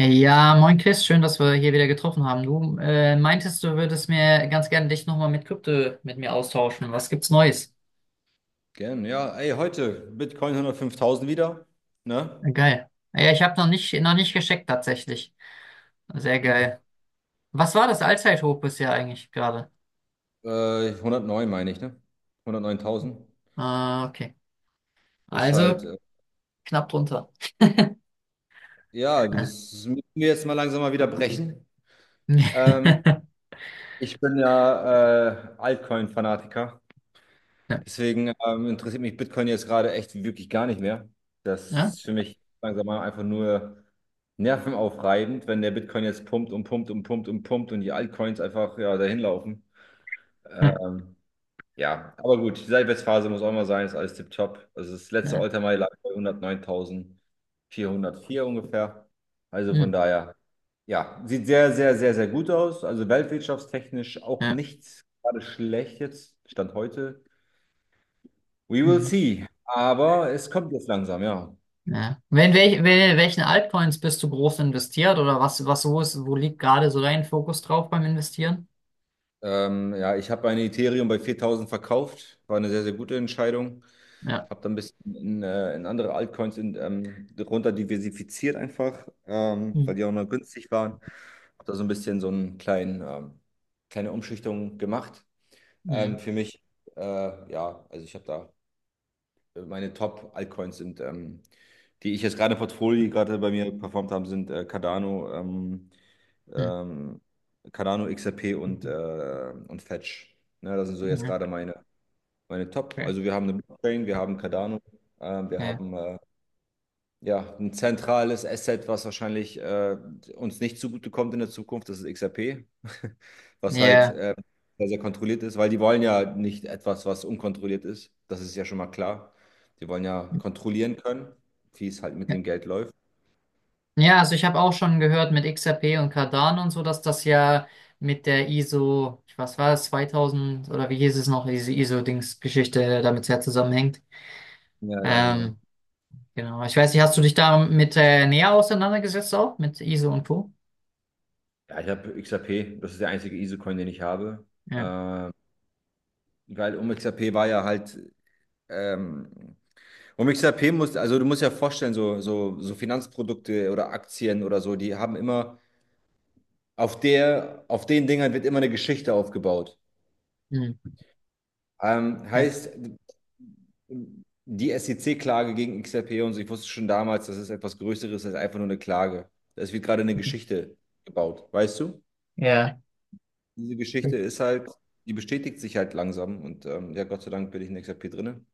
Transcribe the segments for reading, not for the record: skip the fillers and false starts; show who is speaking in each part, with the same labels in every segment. Speaker 1: Ja, moin Chris, schön, dass wir hier wieder getroffen haben. Du meintest, du würdest mir ganz gerne dich nochmal mit Krypto mit mir austauschen. Was gibt's Neues?
Speaker 2: Gern, ja. Ey, heute Bitcoin 105.000 wieder, ne?
Speaker 1: Geil. Ja, ich habe noch nicht gescheckt tatsächlich. Sehr geil. Was war das Allzeithoch bisher eigentlich gerade?
Speaker 2: Äh, 109 meine ich, ne? 109.000
Speaker 1: Ah, okay.
Speaker 2: ist
Speaker 1: Also
Speaker 2: halt,
Speaker 1: knapp drunter.
Speaker 2: ja,
Speaker 1: Ja.
Speaker 2: das müssen wir jetzt mal langsam mal wieder brechen. Ähm, ich bin ja Altcoin-Fanatiker,
Speaker 1: Ja.
Speaker 2: deswegen interessiert mich Bitcoin jetzt gerade echt wirklich gar nicht mehr. Das
Speaker 1: Ja.
Speaker 2: ist für mich langsam mal einfach nur nervenaufreibend, wenn der Bitcoin jetzt pumpt und pumpt und pumpt und pumpt und die Altcoins einfach ja dahin laufen. Ähm, Ja, aber gut, die Seitwärtsphase muss auch mal sein, ist alles tipptopp. Also das letzte
Speaker 1: Ja.
Speaker 2: All-Time-High lag bei 109.404 ungefähr. Also
Speaker 1: Hm.
Speaker 2: von daher, ja, sieht sehr, sehr, sehr, sehr gut aus. Also weltwirtschaftstechnisch auch
Speaker 1: Ja.
Speaker 2: nicht gerade schlecht jetzt, Stand heute. We will
Speaker 1: Hm.
Speaker 2: see. Aber es kommt jetzt langsam, ja.
Speaker 1: Ja. Wenn, welch, wel- welchen Altcoins bist du groß investiert oder was so ist, wo liegt gerade so dein Fokus drauf beim Investieren?
Speaker 2: Ja, ich habe meine Ethereum bei 4.000 verkauft. War eine sehr, sehr gute Entscheidung.
Speaker 1: Ja.
Speaker 2: Habe dann ein bisschen in, in andere Altcoins in, runter diversifiziert einfach,
Speaker 1: Hm.
Speaker 2: weil die auch noch günstig waren. Habe da so ein bisschen so einen kleine Umschichtung gemacht
Speaker 1: Hm,
Speaker 2: für mich. Ja, also ich habe da meine Top-Altcoins sind, die ich jetzt gerade im Portfolio, die gerade bei mir performt haben, sind Cardano,
Speaker 1: hm,
Speaker 2: ähm, XRP und und Fetch. Ne, das sind so jetzt
Speaker 1: ja,
Speaker 2: gerade meine Top.
Speaker 1: okay.
Speaker 2: Also wir haben eine Blockchain, wir haben Cardano, wir
Speaker 1: Ja,
Speaker 2: haben ja ein zentrales Asset, was wahrscheinlich uns nicht zugutekommt in der Zukunft, das ist XRP, was halt
Speaker 1: ja,
Speaker 2: sehr, sehr kontrolliert ist, weil die wollen ja nicht etwas, was unkontrolliert ist. Das ist ja schon mal klar. Die wollen ja kontrollieren können, wie es halt mit
Speaker 1: ja.
Speaker 2: dem Geld läuft.
Speaker 1: Ja, also ich habe auch schon gehört mit XRP und Cardano und so, dass das ja mit der ISO, ich was war das, 2000 oder wie hieß es noch, diese ISO-Dings-Geschichte damit sehr zusammenhängt.
Speaker 2: Ja, ja, genau.
Speaker 1: Ähm, genau, ich weiß nicht, hast du dich damit näher auseinandergesetzt auch mit ISO und Co.?
Speaker 2: Ja, ich habe XRP, das ist der einzige ISO-Coin, den ich habe.
Speaker 1: Ja,
Speaker 2: Ähm, Weil um XRP war ja halt ähm, Und mit XRP musst, also du musst ja vorstellen, so Finanzprodukte oder Aktien oder so, die haben immer, auf den Dingern wird immer eine Geschichte aufgebaut.
Speaker 1: hm, ja,
Speaker 2: Heißt, die SEC-Klage gegen XRP und so, ich wusste schon damals, das ist etwas Größeres als einfach nur eine Klage. Es wird gerade eine Geschichte gebaut, weißt du?
Speaker 1: ja,
Speaker 2: Diese Geschichte ist halt, die bestätigt sich halt langsam und ja, Gott sei Dank bin ich in XRP drinne.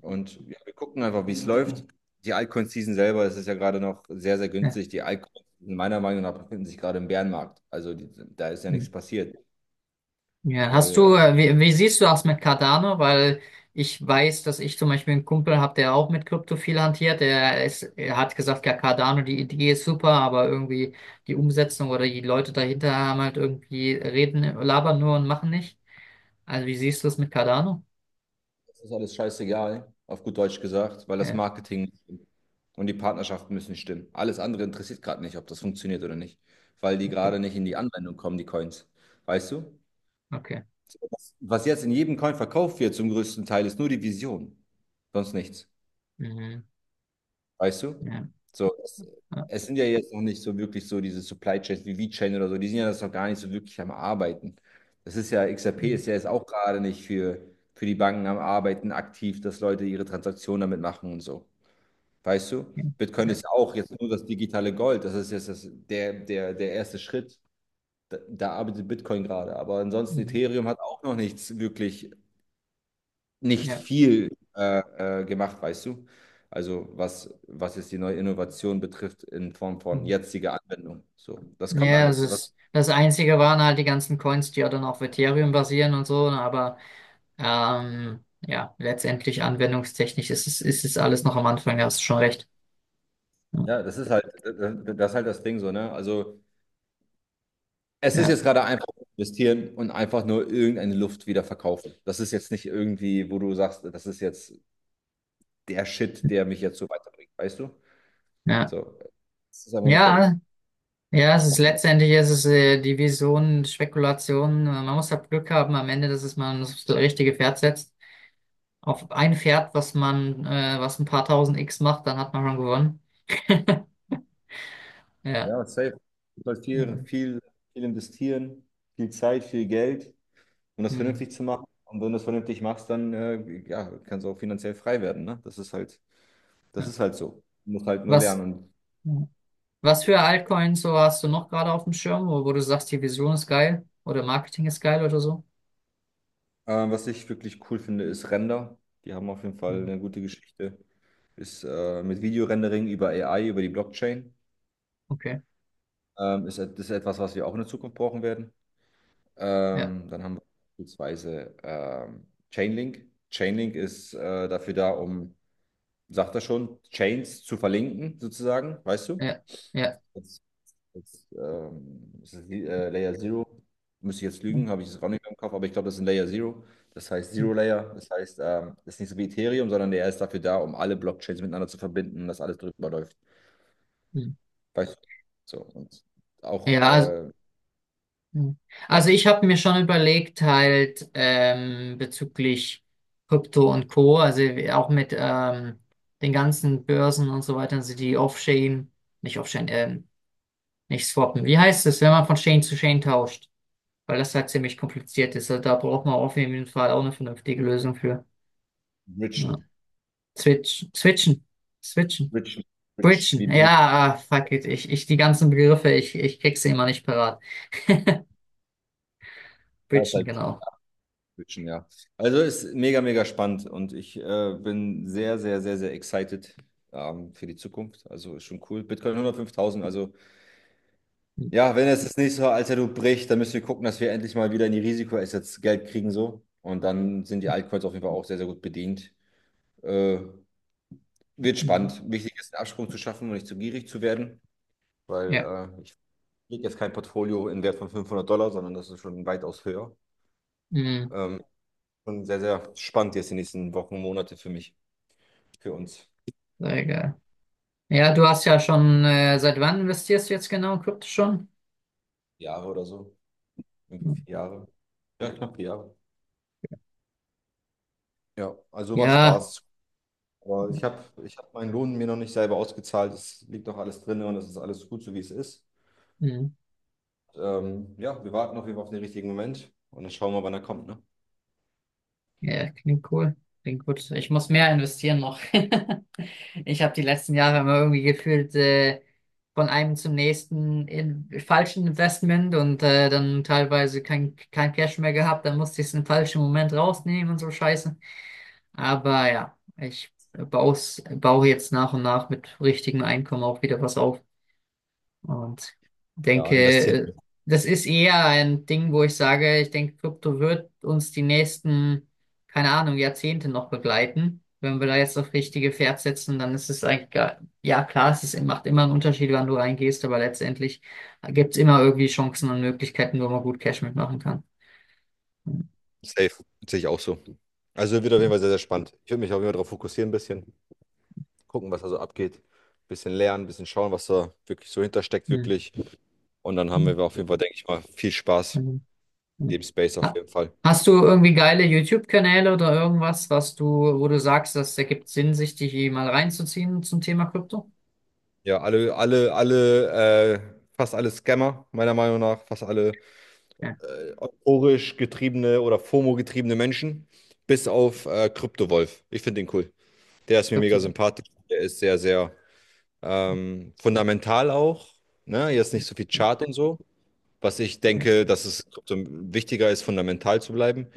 Speaker 2: Und ja, wir gucken einfach, wie es läuft. Die Altcoin-Season selber, das ist ja gerade noch sehr, sehr
Speaker 1: ja.
Speaker 2: günstig. Die Altcoins, meiner Meinung nach, befinden sich gerade im Bärenmarkt. Also die, da ist ja
Speaker 1: Ja.
Speaker 2: nichts passiert.
Speaker 1: Ja, hast
Speaker 2: Weil
Speaker 1: du, äh, wie siehst du das mit Cardano? Weil ich weiß, dass ich zum Beispiel einen Kumpel habe, der auch mit Krypto viel hantiert. Er hat gesagt, ja, Cardano, die Idee ist super, aber irgendwie die Umsetzung oder die Leute dahinter haben halt irgendwie reden, labern nur und machen nicht. Also wie siehst du das mit Cardano?
Speaker 2: das ist alles scheißegal, auf gut Deutsch gesagt, weil das
Speaker 1: Ja,
Speaker 2: Marketing und die Partnerschaften müssen stimmen. Alles andere interessiert gerade nicht, ob das funktioniert oder nicht, weil die
Speaker 1: okay.
Speaker 2: gerade nicht in die Anwendung kommen, die Coins. Weißt du?
Speaker 1: Okay.
Speaker 2: Was jetzt in jedem Coin verkauft wird zum größten Teil, ist nur die Vision, sonst nichts.
Speaker 1: Mhm.
Speaker 2: Weißt du?
Speaker 1: Ja.
Speaker 2: So, es,
Speaker 1: Ja.
Speaker 2: es sind ja jetzt noch nicht so wirklich so diese Supply Chains wie VeChain oder so, die sind ja das noch gar nicht so wirklich am Arbeiten. Das ist ja, XRP
Speaker 1: Mhm.
Speaker 2: ist ja jetzt auch gerade nicht für die Banken am Arbeiten aktiv, dass Leute ihre Transaktionen damit machen und so. Weißt du?
Speaker 1: Ja.
Speaker 2: Bitcoin
Speaker 1: Ja.
Speaker 2: ist ja auch jetzt nur das digitale Gold, das ist jetzt der erste Schritt. Da arbeitet Bitcoin gerade, aber ansonsten
Speaker 1: Mhm.
Speaker 2: Ethereum hat auch noch nichts wirklich nicht
Speaker 1: Ja.
Speaker 2: viel gemacht, weißt du? Also was jetzt die neue Innovation betrifft in Form von
Speaker 1: Mhm.
Speaker 2: jetziger Anwendung. So, das kommt
Speaker 1: Ja, das
Speaker 2: alles. Das,
Speaker 1: ist, das Einzige waren halt die ganzen Coins, die ja dann auf Ethereum basieren und so, ne, aber ja, letztendlich anwendungstechnisch ist es alles noch am Anfang, da hast du schon recht.
Speaker 2: ja, das ist halt, das ist halt das Ding so, ne? Also es ist
Speaker 1: Ja,
Speaker 2: jetzt gerade einfach investieren und einfach nur irgendeine Luft wieder verkaufen. Das ist jetzt nicht irgendwie, wo du sagst, das ist jetzt der Shit, der mich jetzt so weiterbringt, weißt du?
Speaker 1: ja.
Speaker 2: So, es ist einfach nur Geld.
Speaker 1: Ja, ja, es
Speaker 2: Cash
Speaker 1: ist
Speaker 2: machen wir.
Speaker 1: letztendlich ist es die Vision, Spekulation. Man muss halt Glück haben am Ende, dass es man das richtige Pferd setzt. Auf ein Pferd, was was ein paar tausend X macht, dann hat man schon gewonnen. Ja.
Speaker 2: Ja, safe. Du sollst viel,
Speaker 1: Hm.
Speaker 2: viel, viel investieren, viel Zeit, viel Geld, um das
Speaker 1: Hm.
Speaker 2: vernünftig zu machen. Und wenn du es vernünftig machst, dann ja, kannst du auch finanziell frei werden. Ne? Das ist halt, das
Speaker 1: Ja.
Speaker 2: ist halt so. Du musst halt nur
Speaker 1: Was,
Speaker 2: lernen. Und
Speaker 1: was für Altcoins so hast du noch gerade auf dem Schirm, wo du sagst, die Vision ist geil oder Marketing ist geil oder so?
Speaker 2: was ich wirklich cool finde, ist Render. Die haben auf jeden Fall
Speaker 1: Hm.
Speaker 2: eine gute Geschichte. Ist mit Videorendering über AI, über die Blockchain.
Speaker 1: Okay.
Speaker 2: Das ist etwas, was wir auch in der Zukunft brauchen werden.
Speaker 1: Ja.
Speaker 2: Dann haben wir beispielsweise Chainlink. Chainlink ist dafür da, um, sagt er schon, Chains zu verlinken, sozusagen, weißt du?
Speaker 1: Ja, ja.
Speaker 2: Das ist Layer Zero. Müsste ich jetzt lügen, habe ich es auch nicht mehr im Kopf, aber ich glaube, das ist ein Layer Zero. Das heißt Zero Layer. Das heißt, das ist nicht so wie Ethereum, sondern der ist dafür da, um alle Blockchains miteinander zu verbinden und dass alles drüber läuft. Weißt du? So. Und auch
Speaker 1: Ja, also ich habe mir schon überlegt, halt bezüglich Krypto und Co., also auch mit den ganzen Börsen und so weiter, also die Off-Chain, nicht Off-Chain, ähm, nicht swappen. Wie heißt es, wenn man von Chain zu Chain tauscht? Weil das halt ziemlich kompliziert ist. Also da braucht man auf jeden Fall auch eine vernünftige Lösung für. Ja.
Speaker 2: Richen.
Speaker 1: Switch, switchen,
Speaker 2: Richen. Rich. Wie
Speaker 1: bridgen.
Speaker 2: Brü-
Speaker 1: Ja, ah, fuck it. Die ganzen Begriffe, ich krieg sie immer nicht parat.
Speaker 2: Ja, ist
Speaker 1: Bridgen,
Speaker 2: halt
Speaker 1: genau.
Speaker 2: Richen, ja. Also ist mega, mega spannend und ich bin sehr, sehr, sehr, sehr excited für die Zukunft. Also ist schon cool. Bitcoin 105.000, also.
Speaker 1: Mhm.
Speaker 2: Ja, wenn es das nächste Alter bricht, dann müssen wir gucken, dass wir endlich mal wieder in die Risikoassets Geld kriegen so. Und dann sind die Altcoins auf jeden Fall auch sehr, sehr gut bedient. Äh, Wird
Speaker 1: Mhm.
Speaker 2: spannend. Wichtig ist, einen Absprung zu schaffen und nicht zu gierig zu werden, weil
Speaker 1: Ja,
Speaker 2: ich kriege jetzt kein Portfolio in Wert von 500 Dollar, sondern das ist schon weitaus höher.
Speaker 1: mhm.
Speaker 2: Ähm, und sehr, sehr spannend jetzt die nächsten Wochen, Monate für mich, für uns.
Speaker 1: Sehr geil. Ja, du hast ja schon, seit wann investierst du jetzt genau in Krypto schon?
Speaker 2: Jahre oder so. Irgendwie
Speaker 1: Mhm.
Speaker 2: 4 Jahre. Ja, knapp 4 Jahre. Ja, also macht
Speaker 1: Ja,
Speaker 2: Spaß. Aber ich hab meinen Lohn mir noch nicht selber ausgezahlt. Es liegt noch alles drin und es ist alles gut, so wie es ist.
Speaker 1: mhm.
Speaker 2: Ja, wir warten auf jeden Fall auf den richtigen Moment und dann schauen wir, wann er kommt, ne?
Speaker 1: Ja, klingt cool. Klingt gut. Ich muss mehr investieren noch. Ich habe die letzten Jahre immer irgendwie gefühlt, von einem zum nächsten in falschen Investment und dann teilweise kein Cash mehr gehabt, dann musste ich es im falschen Moment rausnehmen und so Scheiße. Aber ja, baue jetzt nach und nach mit richtigem Einkommen auch wieder was auf. Und
Speaker 2: Ja,
Speaker 1: denke,
Speaker 2: investieren.
Speaker 1: äh, das ist eher ein Ding, wo ich sage, ich denke, Krypto wird uns die nächsten, keine Ahnung, Jahrzehnte noch begleiten. Wenn wir da jetzt auf richtige Pferd setzen, dann ist es eigentlich, gar- ja klar, es ist, macht immer einen Unterschied, wann du reingehst, aber letztendlich gibt es immer irgendwie Chancen und Möglichkeiten, wo man gut Cash mitmachen kann.
Speaker 2: Safe. Sehe ich auch so. Also wird auf jeden Fall sehr, sehr spannend. Ich würde mich auf jeden Fall darauf fokussieren, ein bisschen gucken, was da so abgeht. Ein bisschen lernen, ein bisschen schauen, was da wirklich so hintersteckt,
Speaker 1: Hm.
Speaker 2: wirklich. Und dann haben wir auf jeden Fall, denke ich mal, viel Spaß.
Speaker 1: Hm. Hm.
Speaker 2: Dem Space auf
Speaker 1: Ha-
Speaker 2: jeden Fall.
Speaker 1: Hast du irgendwie geile YouTube-Kanäle oder irgendwas, wo du sagst, das ergibt Sinn, sich die mal reinzuziehen zum Thema Krypto?
Speaker 2: Ja, fast alle Scammer, meiner Meinung nach, fast alle
Speaker 1: Ja,
Speaker 2: euphorisch getriebene oder FOMO-getriebene Menschen, bis auf Kryptowolf. Ich finde den cool. Der ist mir mega
Speaker 1: Krypto.
Speaker 2: sympathisch. Der ist sehr, sehr fundamental auch. Ne? Hier ist
Speaker 1: Ja,
Speaker 2: nicht so viel
Speaker 1: ja,
Speaker 2: Chart und so, was ich
Speaker 1: ja.
Speaker 2: denke, dass es Krypto wichtiger ist, fundamental zu bleiben.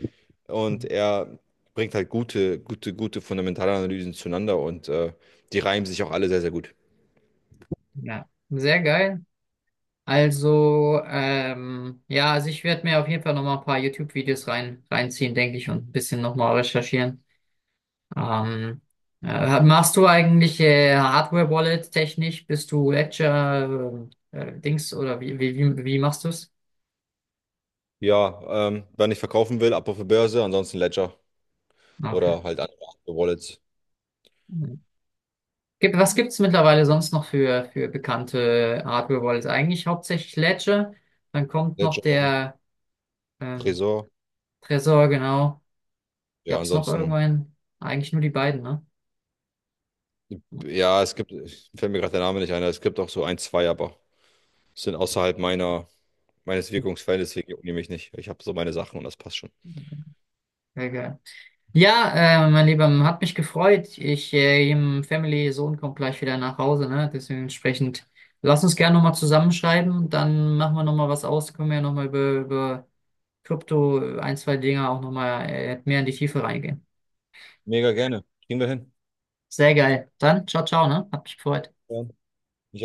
Speaker 1: Hm.
Speaker 2: Und er bringt halt gute, gute, gute fundamentale Analysen zueinander und die reimen sich auch alle sehr, sehr gut.
Speaker 1: Ja, sehr geil. Also, ja, also ich werde mir auf jeden Fall nochmal ein paar YouTube-Videos reinziehen, denke ich, und ein bisschen nochmal recherchieren. Ähm, machst du eigentlich Hardware-Wallet technisch? Bist du Ledger, Dings oder wie machst du es?
Speaker 2: Ja, wenn ich verkaufen will, ab auf die Börse, ansonsten Ledger
Speaker 1: Okay.
Speaker 2: oder halt andere Wallets.
Speaker 1: Mhm. Gibt, was gibt es mittlerweile sonst noch für bekannte Hardware-Wallets? Eigentlich hauptsächlich Ledger. Dann kommt noch
Speaker 2: Ledger,
Speaker 1: der ähm,
Speaker 2: Tresor.
Speaker 1: Trezor, genau.
Speaker 2: Ja,
Speaker 1: Gab es noch
Speaker 2: ansonsten,
Speaker 1: irgendwann? Eigentlich nur die beiden, ne?
Speaker 2: ja, es gibt, fällt mir gerade der Name nicht ein, aber es gibt auch so ein, zwei, aber sind außerhalb meines Wirkungsfeldes, deswegen jucken die mich nicht. Ich habe so meine Sachen und das passt schon.
Speaker 1: Sehr geil. Ja, mein Lieber, hat mich gefreut. Im Family Sohn kommt gleich wieder nach Hause, ne? Deswegen entsprechend, lass uns gerne nochmal zusammenschreiben. Dann machen wir nochmal was aus. Können wir ja nochmal über Krypto ein, zwei Dinge auch nochmal mehr in die Tiefe reingehen.
Speaker 2: Mega gerne. Kriegen wir hin.
Speaker 1: Sehr geil. Dann, ciao, ciao, ne? Hab mich gefreut.
Speaker 2: Ja. Ich